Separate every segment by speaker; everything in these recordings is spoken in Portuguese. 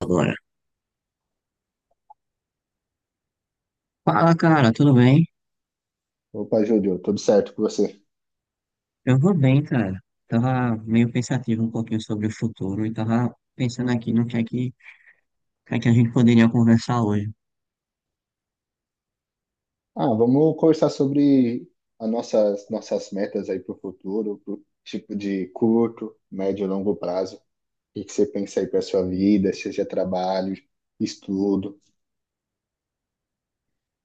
Speaker 1: Agora. Fala, cara, tudo bem?
Speaker 2: Opa, Júlio, tudo certo com você?
Speaker 1: Eu vou bem, cara. Tava meio pensativo um pouquinho sobre o futuro e tava pensando aqui no que é que a gente poderia conversar hoje.
Speaker 2: Ah, vamos conversar sobre as nossas metas aí para o futuro, pro tipo de curto, médio e longo prazo. O que que você pensa aí para sua vida, seja trabalho, estudo.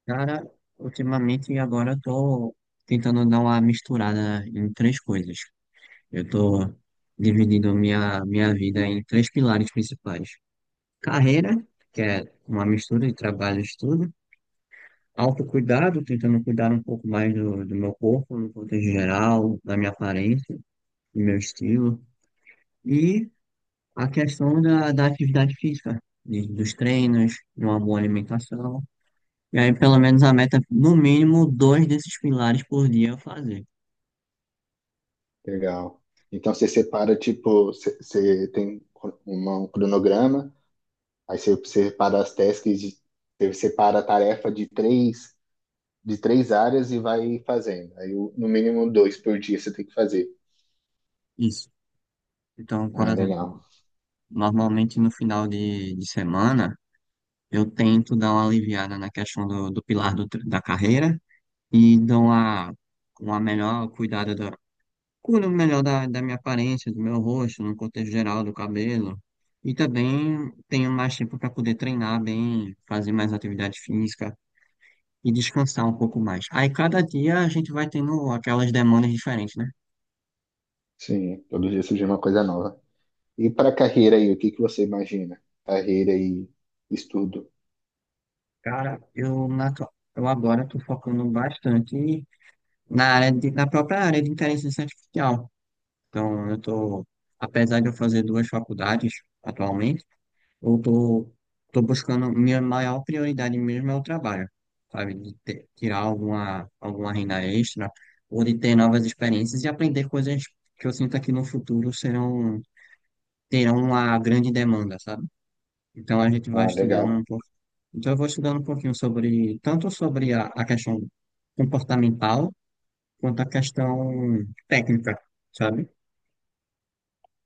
Speaker 1: Cara, ultimamente agora eu tô tentando dar uma misturada em três coisas. Eu tô dividindo minha vida em três pilares principais. Carreira, que é uma mistura de trabalho e estudo. Autocuidado, tentando cuidar um pouco mais do meu corpo, no contexto geral, da minha aparência, do meu estilo. E a questão da atividade física, dos treinos, de uma boa alimentação. E aí, pelo menos, a meta, no mínimo, dois desses pilares por dia eu fazer.
Speaker 2: Legal. Então você separa, tipo, você tem um cronograma, aí você separa as tasks, você separa a tarefa de três áreas e vai fazendo. Aí no mínimo dois por dia você tem que fazer.
Speaker 1: Isso. Então, por
Speaker 2: Ah, legal.
Speaker 1: exemplo, normalmente no final de semana, eu tento dar uma aliviada na questão do pilar do, tre- da carreira e uma melhor cuidada cuido melhor da minha aparência, do meu rosto, no contexto geral, do cabelo. E também tenho mais tempo para poder treinar bem, fazer mais atividade física e descansar um pouco mais. Aí cada dia a gente vai tendo aquelas demandas diferentes, né?
Speaker 2: Sim, todo dia surge uma coisa nova. E para carreira aí, o que que você imagina? Carreira e estudo.
Speaker 1: Cara, eu agora estou focando bastante na própria área de inteligência artificial. Então, eu estou, apesar de eu fazer duas faculdades atualmente, eu tô buscando, minha maior prioridade mesmo é o trabalho, sabe? De tirar alguma renda extra, ou de ter novas experiências e aprender coisas que eu sinto que no futuro terão uma grande demanda, sabe? Então a gente vai
Speaker 2: Ah,
Speaker 1: estudando
Speaker 2: legal.
Speaker 1: um pouco. Então eu vou estudando um pouquinho sobre, tanto sobre a questão comportamental, quanto a questão técnica, sabe?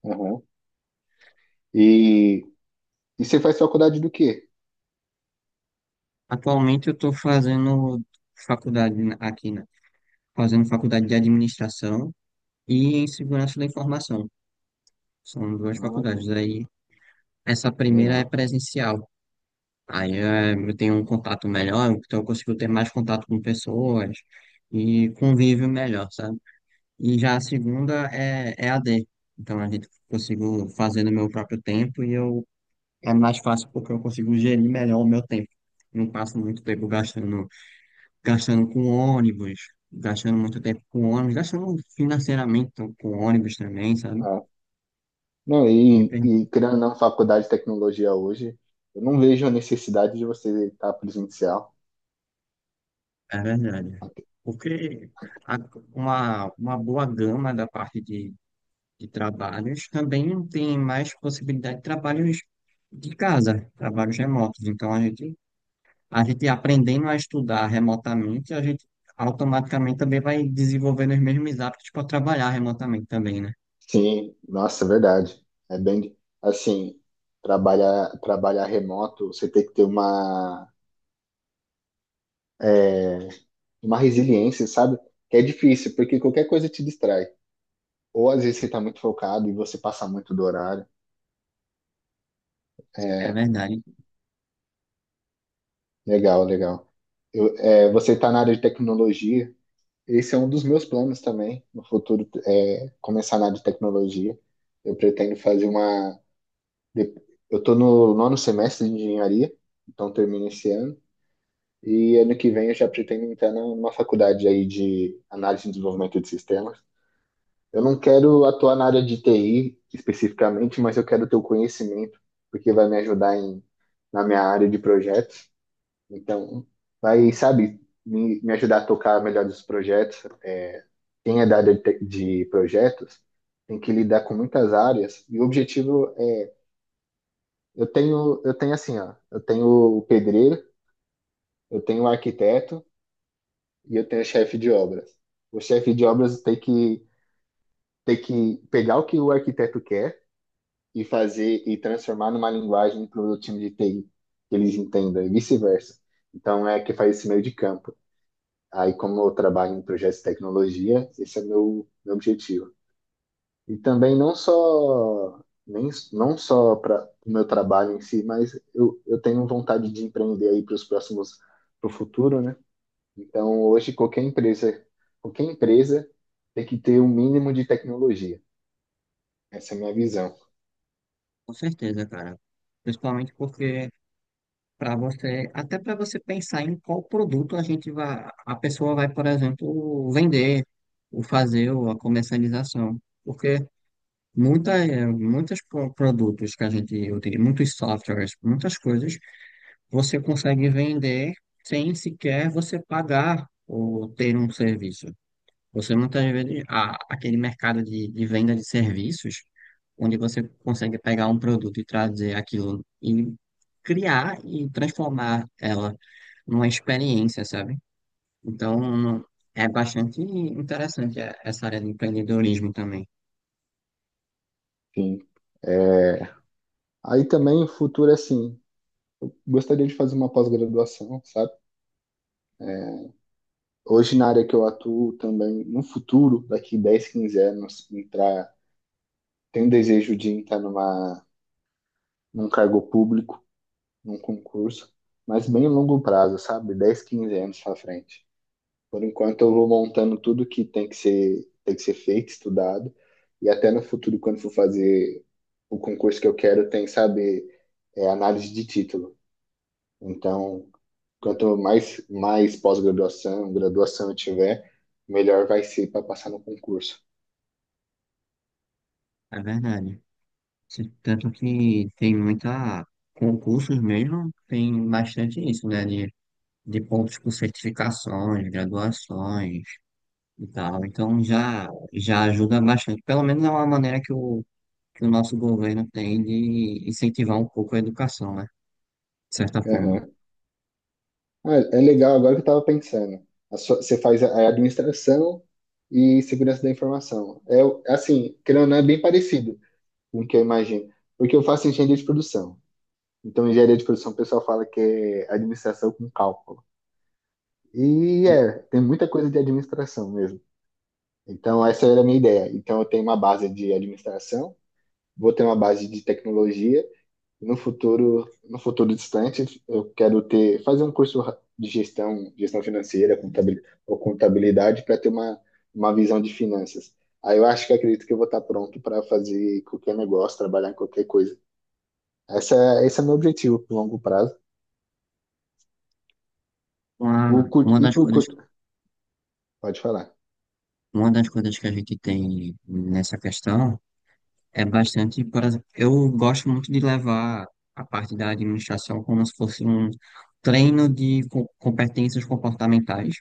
Speaker 2: Aham. E, e você faz faculdade do quê?
Speaker 1: Atualmente eu tô fazendo aqui, né? Fazendo faculdade de administração e em segurança da informação. São duas
Speaker 2: Ah, que,
Speaker 1: faculdades. Aí, essa
Speaker 2: que
Speaker 1: primeira é
Speaker 2: legal.
Speaker 1: presencial. Aí eu tenho um contato melhor, então eu consigo ter mais contato com pessoas e convívio melhor, sabe? E já a segunda é a D. Então a gente consigo fazer no meu próprio tempo e eu é mais fácil porque eu consigo gerir melhor o meu tempo. Não passo muito tempo gastando, gastando com ônibus, gastando muito tempo com ônibus, gastando financeiramente com ônibus também, sabe?
Speaker 2: Ah, não,
Speaker 1: Me
Speaker 2: e,
Speaker 1: permite.
Speaker 2: e criando na faculdade de tecnologia hoje, eu não vejo a necessidade de você estar presencial.
Speaker 1: É verdade. Porque a- uma boa gama da parte de trabalhos também tem mais possibilidade de trabalhos de casa, trabalhos remotos. Então, a gente aprendendo a estudar remotamente, a gente automaticamente também vai desenvolvendo os mesmos hábitos para trabalhar remotamente também, né?
Speaker 2: Sim, nossa, é verdade. É bem assim, trabalhar remoto, você tem que ter é, uma resiliência, sabe? Que é difícil, porque qualquer coisa te distrai. Ou às vezes você está muito focado e você passa muito do horário.
Speaker 1: É
Speaker 2: É,
Speaker 1: verdade,
Speaker 2: legal, legal. Você está na área de tecnologia. Esse é um dos meus planos também no futuro, é começar na área de tecnologia. Eu pretendo de- eu estou no nono semestre de engenharia, então termino esse ano. E ano que vem eu já pretendo entrar numa faculdade aí de análise e desenvolvimento de sistemas. Eu não quero atuar na área de TI especificamente, mas eu quero ter o conhecimento, porque vai me ajudar na minha área de projetos. Então, vai, sabe, me ajudar a tocar melhor os projetos. É, quem é da área de projetos tem que lidar com muitas áreas. E o objetivo é, eu tenho assim, ó, eu tenho o pedreiro, eu tenho o arquiteto e eu tenho o chefe de obras. O chefe de obras tem que pegar o que o arquiteto quer e fazer e transformar numa linguagem para o time de TI que eles entendam e vice-versa. Então é que faz esse meio de campo. Aí como eu trabalho em projetos de tecnologia, esse é meu objetivo. E também não só para o meu trabalho em si, mas eu tenho vontade de empreender aí para os próximos para o futuro, né? Então hoje qualquer empresa tem que ter um mínimo de tecnologia. Essa é a minha visão.
Speaker 1: com certeza, cara. Principalmente porque até para você pensar em qual produto a pessoa vai, por exemplo, vender, ou fazer ou a comercialização. Porque muitas, produtos que a gente utiliza, muitos softwares, muitas coisas, você consegue vender sem sequer você pagar ou ter um serviço. Você muitas vezes, aquele mercado de venda de serviços, onde você consegue pegar um produto e trazer aquilo e criar e transformar ela uma experiência, sabe? Então, não- É bastante interessante essa área de empreendedorismo também,
Speaker 2: Enfim, aí também o futuro é assim, gostaria de fazer uma pós-graduação, sabe? Hoje na área que eu atuo também, no futuro, daqui 10 15 anos, entrar, tenho um desejo de entrar num cargo público, num concurso, mas bem a longo prazo, sabe? 10 15 anos para frente. Por enquanto eu vou montando tudo que tem que ser feito, estudado, e até no futuro, quando for fazer o concurso que eu quero, tem, sabe, análise de título. Então, quanto mais pós-graduação, graduação eu tiver, melhor vai ser para passar no concurso.
Speaker 1: é verdade. Tanto que tem muita concursos mesmo, tem bastante isso, né? De pontos por certificações, graduações e tal. Então, já ajuda bastante. Pelo menos é uma maneira que o nosso governo tem de incentivar um pouco a educação, né? De certa forma.
Speaker 2: Aham. Ah, é legal, agora que eu estava pensando. Você faz a administração e segurança da informação. É assim, querendo ou não, é bem parecido com o que eu imagino. Porque eu faço engenharia de produção. Então, engenharia de produção, o pessoal fala que é administração com cálculo. E é, tem muita coisa de administração mesmo. Então, essa era a minha ideia. Então, eu tenho uma base de administração, vou ter uma base de tecnologia. No futuro, no futuro distante, eu quero fazer um curso de gestão, gestão financeira, ou contabilidade para ter uma visão de finanças. Aí eu acho que acredito que eu vou estar pronto para fazer qualquer negócio, trabalhar em qualquer coisa. Essa, esse é meu objetivo pro longo prazo. Pro
Speaker 1: Uma,
Speaker 2: curto,
Speaker 1: uma
Speaker 2: e
Speaker 1: das
Speaker 2: pro
Speaker 1: coisas
Speaker 2: curto, pode falar.
Speaker 1: Uma das coisas que a gente tem nessa questão é bastante, por exemplo, eu gosto muito de levar a parte da administração como se fosse um treino de competências comportamentais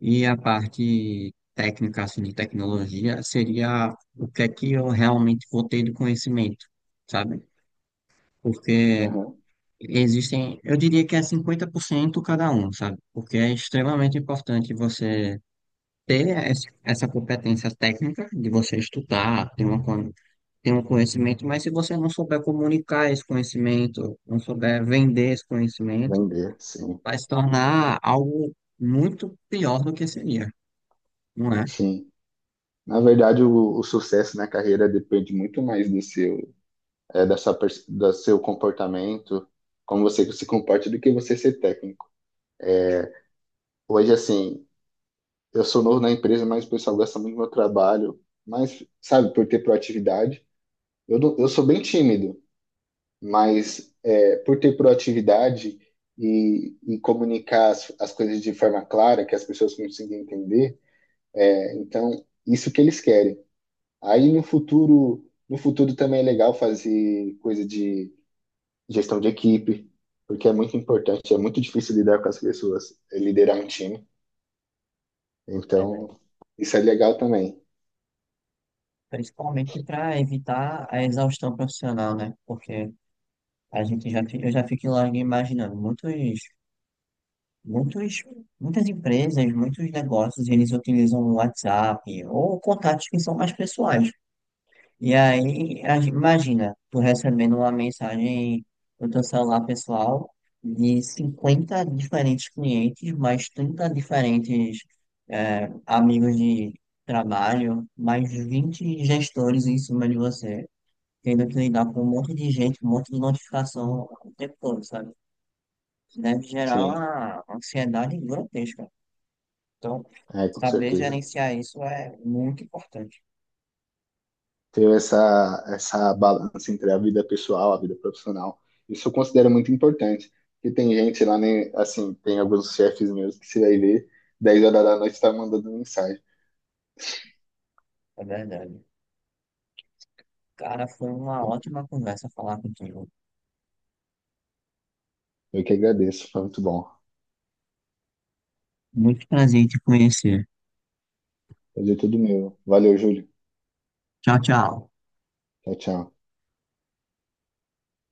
Speaker 1: e a parte técnica, assim, de tecnologia seria o que é que eu realmente vou ter de conhecimento, sabe? Porque
Speaker 2: Uhum.
Speaker 1: existem, eu diria que é 50% cada um, sabe? Porque é extremamente importante você ter essa competência técnica de você estudar, ter um conhecimento, mas se você não souber comunicar esse conhecimento, não souber vender esse conhecimento,
Speaker 2: Vender, sim.
Speaker 1: vai se tornar algo muito pior do que seria, não é?
Speaker 2: Sim. Na verdade, o sucesso na carreira depende muito mais do seu, do seu comportamento, como você se comporta, do que você ser técnico. Hoje, assim, eu sou novo na empresa, mas o pessoal gosta muito do meu trabalho. Mas, sabe, por ter proatividade, eu, não- eu sou bem tímido, mas por ter proatividade e comunicar as coisas de forma clara, que as pessoas consigam entender, então, isso que eles querem. Aí, no futuro, no futuro também é legal fazer coisa de gestão de equipe, porque é muito importante, é muito difícil lidar com as pessoas, é liderar um time.
Speaker 1: Verdade.
Speaker 2: Então, isso é legal também.
Speaker 1: Principalmente para evitar a exaustão profissional, né? Porque a gente eu já fico logo imaginando, muitos, muitas empresas, muitos negócios, eles utilizam o WhatsApp ou contatos que são mais pessoais. E aí, imagina, tu recebendo uma mensagem no teu celular pessoal de 50 diferentes clientes, mais 30 diferentes amigos de trabalho, mais 20 gestores em cima de você, tendo que lidar com um monte de gente, um monte de notificação o tempo todo, sabe? Isso deve gerar
Speaker 2: Sim,
Speaker 1: uma ansiedade grotesca. Então,
Speaker 2: com
Speaker 1: saber
Speaker 2: certeza.
Speaker 1: gerenciar isso é muito importante,
Speaker 2: Ter essa balança entre a vida pessoal, a vida profissional, isso eu considero muito importante. E tem gente lá, né, assim, tem alguns chefes meus que você vai ver, 10 horas da noite tá mandando mensagem.
Speaker 1: é verdade. Cara, foi uma ótima conversa falar contigo.
Speaker 2: Eu que agradeço, foi muito bom.
Speaker 1: Muito prazer em te conhecer.
Speaker 2: Fazer tudo meu. Valeu, Júlio.
Speaker 1: Tchau, tchau.
Speaker 2: Tchau, tchau.